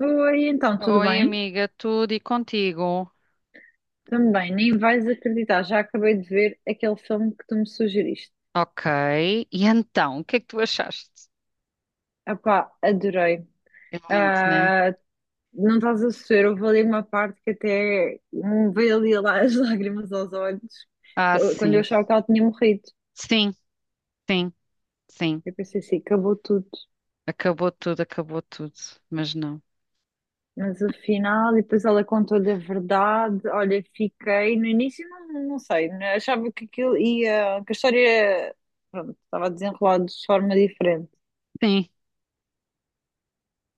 Oi, então, tudo Oi, bem? amiga, tudo e contigo? Também, nem vais acreditar, já acabei de ver aquele filme que tu me sugeriste. Ok. E então, o que é que tu achaste? Apá, adorei. É lindo, né? Ah, não estás a sofrer, houve ali uma parte que até me veio ali lá as lágrimas aos olhos, Ah, quando eu sim. achava que ela tinha morrido. Sim, sim, sim. Eu pensei assim, acabou tudo. Acabou tudo, acabou tudo. Mas não. Mas afinal, e depois ela contou-lhe a verdade. Olha, fiquei, no início não sei, né? Achava que aquilo ia, que a história, pronto, estava desenrolada de forma diferente. Sim.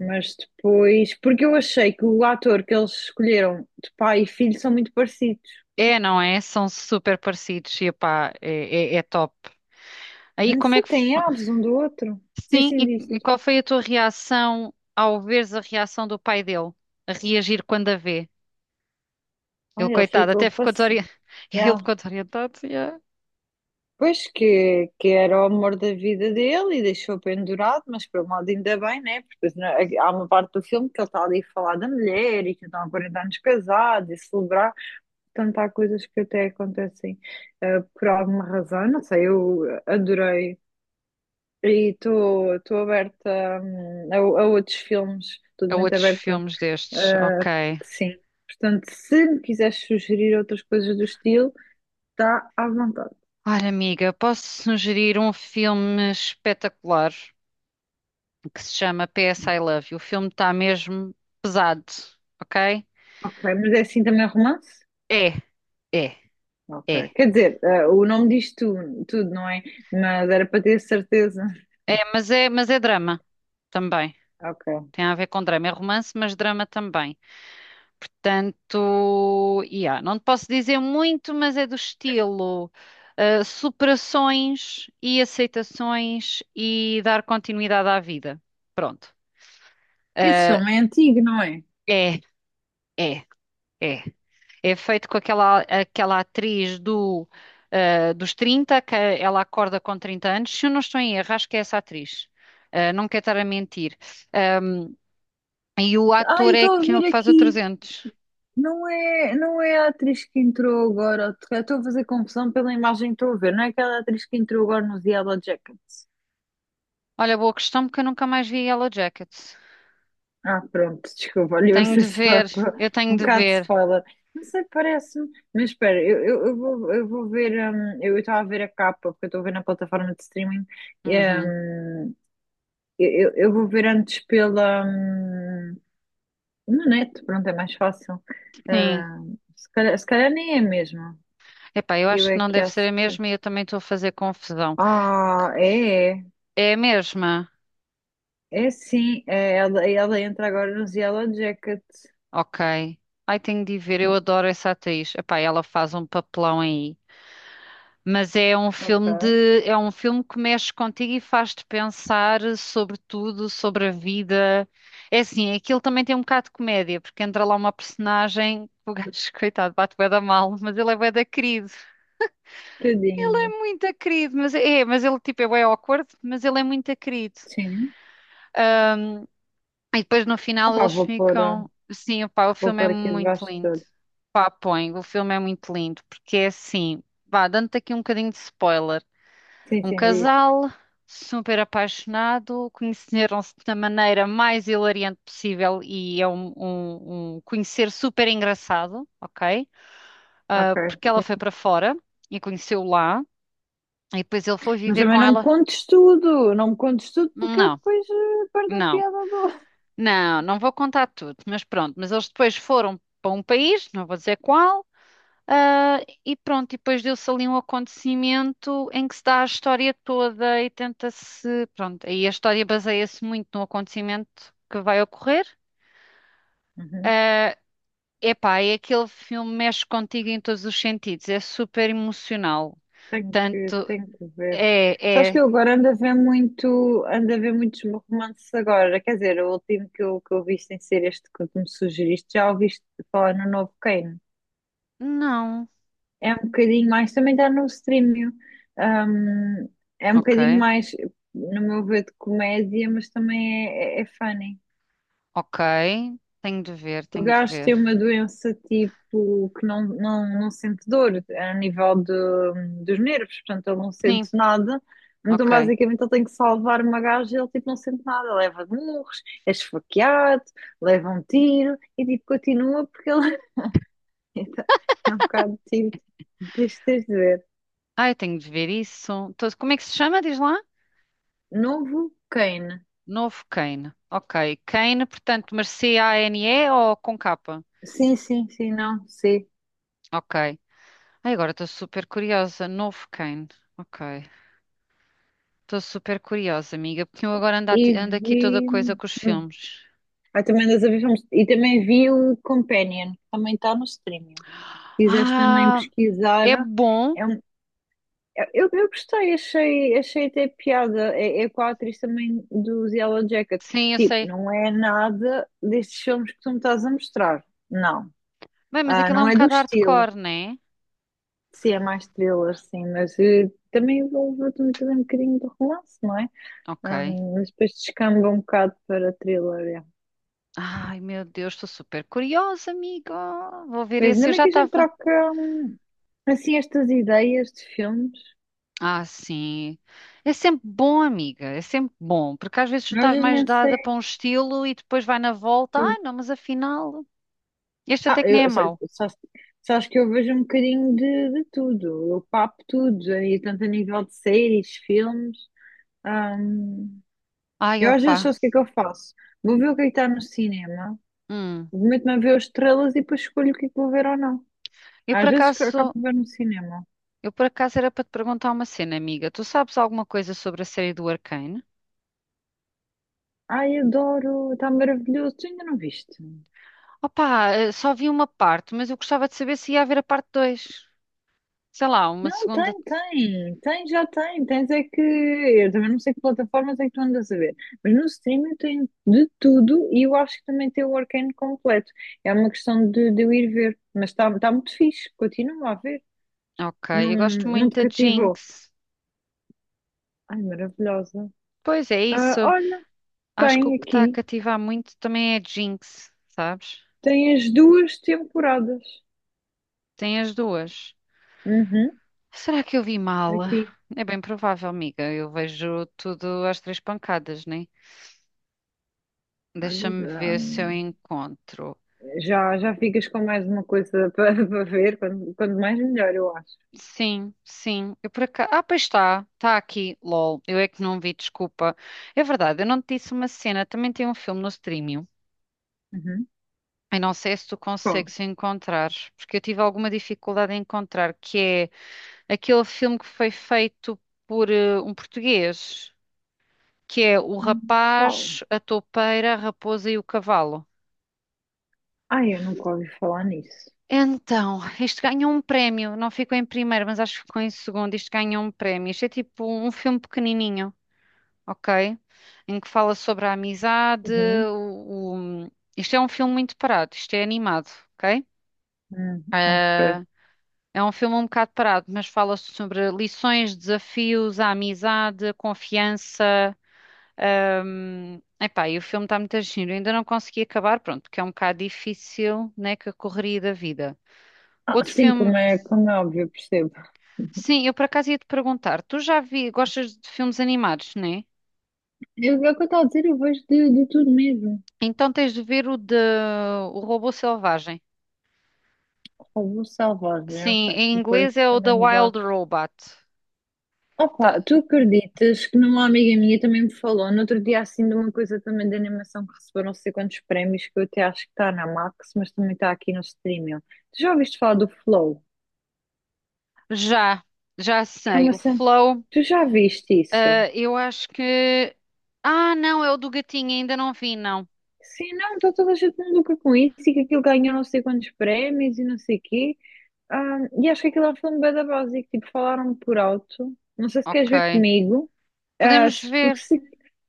Mas depois, porque eu achei que o ator que eles escolheram de pai e filho são muito parecidos. É, não é? São super parecidos. E epá, é top. Aí Não como é sei, que. Têm ares um do outro. Sim, Sim, sim, diz, e diz. qual foi a tua reação ao veres a reação do pai dele? A reagir quando a vê? Ah, Ele, ele coitado, ficou até ficou passado. desorientado. Ele Yeah. ficou desorientado. Yeah. Pois que era o amor da vida dele e deixou pendurado, mas por um lado ainda bem, né? Porque senão, há uma parte do filme que ele está ali a falar da mulher e que estão há 40 anos casados e celebrar. Portanto, há coisas que até acontecem por alguma razão. Não sei, eu adorei. E estou aberta, a outros filmes, A totalmente outros aberta. filmes destes, Ah, ok. sim. Portanto, se me quiseres sugerir outras coisas do estilo, está à vontade. Olha, amiga, posso sugerir um filme espetacular que se chama PS I Love You. O filme está mesmo pesado, ok? Ok, mas é assim também romance? É, é, Ok. é. Quer dizer, ah, o nome diz tu, tudo, não é? Mas era para ter certeza. É, mas é, mas é drama também. Ok. Tem a ver com drama. É romance, mas drama também. Portanto, yeah, não te posso dizer muito, mas é do estilo superações e aceitações e dar continuidade à vida. Pronto. Esse Uh, filme é antigo, não é? é, é. É. É feito com aquela atriz do, dos 30 que ela acorda com 30 anos. Se eu não estou em erro, acho que é essa atriz. Ah, não quero estar a mentir. Ahm, e o Ah, eu ator é estou a que ver faz o aqui. 300. Não é a atriz que entrou agora. Eu estou a fazer confusão pela imagem que estou a ver. Não é aquela atriz que entrou agora nos Yellow Jackets. Olha, boa questão, porque eu nunca mais vi Yellow Jackets. Ah, pronto, desculpa, olha, eu Tenho sei de só ver, com eu tenho um de bocado de ver. spoiler. Não sei, parece-me, mas espera, eu vou ver, eu estava a ver a capa, porque eu estou a ver na plataforma de streaming, e, Uhum. hum, eu vou ver antes pela, na net, pronto, é mais fácil. Sim. Ah, se calhar nem é mesmo, Epá, eu eu acho que é não que deve acho ser a que... mesma e eu também estou a fazer confusão. Ah, é, é, É a mesma? é sim, é, ela entra agora nos Yellow Jacket, Ok. Ai, tenho de ir ver, eu adoro essa atriz. Epá, ela faz um papelão aí. Mas é um filme ok, de, é um filme que mexe contigo e faz-te pensar sobre tudo, sobre a vida. É assim, aquilo também tem um bocado de comédia, porque entra lá uma personagem, o gajo, coitado, bate bué da mal, mas ele é bué da querido. Ele tadinho, é muito querido, mas é, mas ele tipo é bué awkward, mas ele é muito querido. sim. E depois no Ah, final pá, eles vou pôr, ah, ficam, sim, pá, o vou filme é pôr aqui muito debaixo de lindo. tudo. Pá, põe, o filme é muito lindo, porque é assim, vá, dando-te aqui um bocadinho de spoiler. Sim, Um sim, diz. casal super apaixonado, conheceram-se da maneira mais hilariante possível e é um, um conhecer super engraçado, ok? Ah, Ok. porque ela Sim, foi sim. para fora e conheceu lá e depois ele foi Mas viver também com não me ela. contes tudo. Não me contes tudo porque eu Não, depois perdo a não, piada do. não, não vou contar tudo, mas pronto. Mas eles depois foram para um país, não vou dizer qual. Ah, e pronto, e depois deu-se ali um acontecimento em que se dá a história toda e tenta-se. Pronto, aí a história baseia-se muito no acontecimento que vai ocorrer. Uhum. Ah, epá, é aquele filme que mexe contigo em todos os sentidos, é super emocional. Tenho que, Tanto tenho que ver. é, Sabes que é. eu agora ando a ver muito, ando a ver muitos romances agora. Quer dizer, o último que eu vi sem ser este que tu me sugeriste, já ouviste falar no novo Kane. Não. É um bocadinho mais, também está no streaming. Hum, é um Ok, bocadinho mais, no meu ver, de comédia, mas também é funny. ok. Tenho de ver, O tenho de gajo tem ver. uma doença tipo que não sente dor a nível de- dos nervos, portanto ele não Sim, sente nada. Então ok. basicamente ele tem que salvar uma gaja e ele tipo não sente nada, leva de murros, é esfaqueado, leva um tiro e tipo continua porque ele então, é um bocado tipo, deixa de ver. Ai, tenho de ver isso. Tô- Como é que se chama? Diz lá. Novo Kane. Novo Kane. Ok. Kane, portanto, mas C-A-N-E ou com capa? Sim, sim, sim, não, sim. Ok. Ai, agora estou super curiosa. Novo Kane. Ok. Estou super curiosa, amiga, porque eu agora ando, E ati- ando aqui toda vi. coisa com os hum, filmes. Ah, também andas a ver filmes. E também vi o Companion, que também está no streaming. Quiseste também Ah, é pesquisar. bom. É um- é, eu gostei, achei, achei até piada. É, é com a atriz também dos Yellow Jackets. Sim, eu Tipo, sei. não é nada destes filmes que tu me estás a mostrar. Não. Bem, mas Ah, aquilo é não um é do bocado estilo. hardcore, né? Sim, é mais thriller, sim, mas também envolve também um bocadinho de romance, não é? Ah, Ok. mas depois descamba um bocado para thriller. É. Ai, meu Deus, estou super curiosa, amiga. Vou ver Mas esse. ainda Eu bem já que a gente estava. troca assim estas ideias de filmes. Ah, sim. É sempre bom, amiga, é sempre bom, porque às vezes tu Nós estás mais nem dada para sei. um estilo e depois vai na volta, ai não, mas afinal, este Ah, até que nem é mau. Sabes que eu vejo um bocadinho de tudo, eu papo tudo, e tanto a nível de séries, filmes. hum, Ai, eu às vezes opá. só sei o que é que eu faço. Vou ver o que é que está no cinema, Hum. meto-me a ver as estrelas e depois escolho o que é que vou ver ou não. Eu por Às vezes que acabo acaso, de ver no cinema. eu por acaso era para te perguntar uma cena, amiga. Tu sabes alguma coisa sobre a série do Arcane? Ai, adoro, está maravilhoso, tu ainda não viste? Opá, só vi uma parte, mas eu gostava de saber se ia haver a parte 2. Sei lá, uma Não, segunda. tem, já tem. Tens é que. Eu também não sei que plataformas é que tu andas a ver, mas no streaming tem de tudo e eu acho que também tem o Arcane completo. É uma questão de eu ir ver, mas está tá muito fixe, continua a ver. Ok, Não, eu gosto não muito te da cativou. Jinx. Ai, maravilhosa. Pois é Ah, isso. olha, Acho que o tem que está a aqui, cativar muito também é a Jinx, sabes? tem as duas temporadas. Tem as duas. Uhum, Será que eu vi mal? aqui. É bem provável, amiga. Eu vejo tudo às três pancadas, né? Olha, Deixa-me ah, ver se eu encontro. já ficas com mais uma coisa para para ver, quando mais melhor, eu acho. Sim, sim. Eu por acaso... Ah, pois está. Está aqui. LOL. Eu é que não vi, desculpa. É verdade, eu não te disse uma cena. Também tem um filme no streaming. Uhum. Eu não sei se tu Qual? consegues encontrar, porque eu tive alguma dificuldade em encontrar, que é aquele filme que foi feito por um português. Que é o Ah, qual? rapaz, a toupeira, a raposa e o cavalo. Ah, eu nunca ouvi falar nisso. Então, isto ganhou um prémio. Não ficou em primeiro, mas acho que ficou em segundo. Isto ganhou um prémio. Isto é tipo um filme pequenininho, ok? Em que fala sobre a amizade. Uhum. O, o- Isto é um filme muito parado. Isto é animado, ok? Ok. Ah, é um filme um bocado parado, mas fala sobre lições, desafios, a amizade, a confiança. Epá, e o filme está muito giro, eu ainda não consegui acabar, pronto, porque é um bocado difícil, né, que a correria da vida. Ah, Outro sim, filme, como é óbvio, eu percebo. sim, eu por acaso ia te perguntar, tu já vi, gostas de filmes animados, né? Eu, é o que eu estou a dizer, eu vejo de tudo mesmo. Então tens de ver o de O Robô Selvagem. Robô selvagem, Sim, ok. em Vou pôr aqui inglês é o The também Wild debaixo. Robot. Tá, Opa, tu acreditas que numa amiga minha também me falou no outro dia assim de uma coisa também de animação que recebeu não sei quantos prémios, que eu até acho que está na Max, mas também está aqui no streaming. Tu já ouviste falar do Flow? já, já Que é sei. uma... O cena- Flow, tu já viste isso? Eu acho que. Ah, não, é o do gatinho, ainda não vi, não. Sim, não, está toda a gente maluca com isso e que aquilo ganhou não sei quantos prémios e não sei o quê. Ah, e acho que aquilo é um filme bué da básico, tipo, falaram por alto. Não sei se queres Ok. ver comigo. Ah, Podemos se- porque ver. se,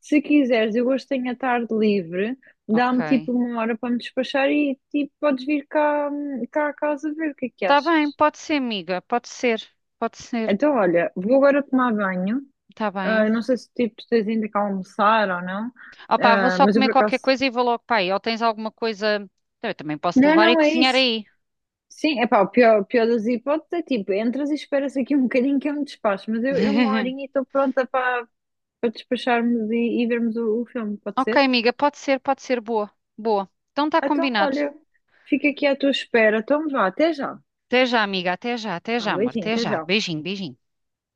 se quiseres, eu hoje tenho a tarde livre, Ok. dá-me tipo uma hora para me despachar e tipo, podes vir cá, cá a casa ver o que é que Tá bem, achas. pode ser, amiga. Pode ser. Pode ser. Então, olha, vou agora tomar banho. Tá bem. Ah, não sei se tipo, tu tens ainda que almoçar ou não. Opá, vou Ah, só mas eu comer por qualquer acaso. coisa e vou logo para aí. Ou tens alguma coisa. Eu também posso Não, levar e não, é cozinhar isso. aí. Sim, é pá, o pior das hipóteses é tipo, entras e esperas aqui um bocadinho que eu me despacho, mas eu uma horinha e estou pronta para para despacharmos e vermos o filme, pode Ok, ser? amiga, pode ser, pode ser. Boa. Boa. Então tá Então, combinado. olha, fica aqui à tua espera, então vá, até já. Até já, amiga. Até Ah, já, amor. beijinho, Até até já. já. Beijinho, beijinho.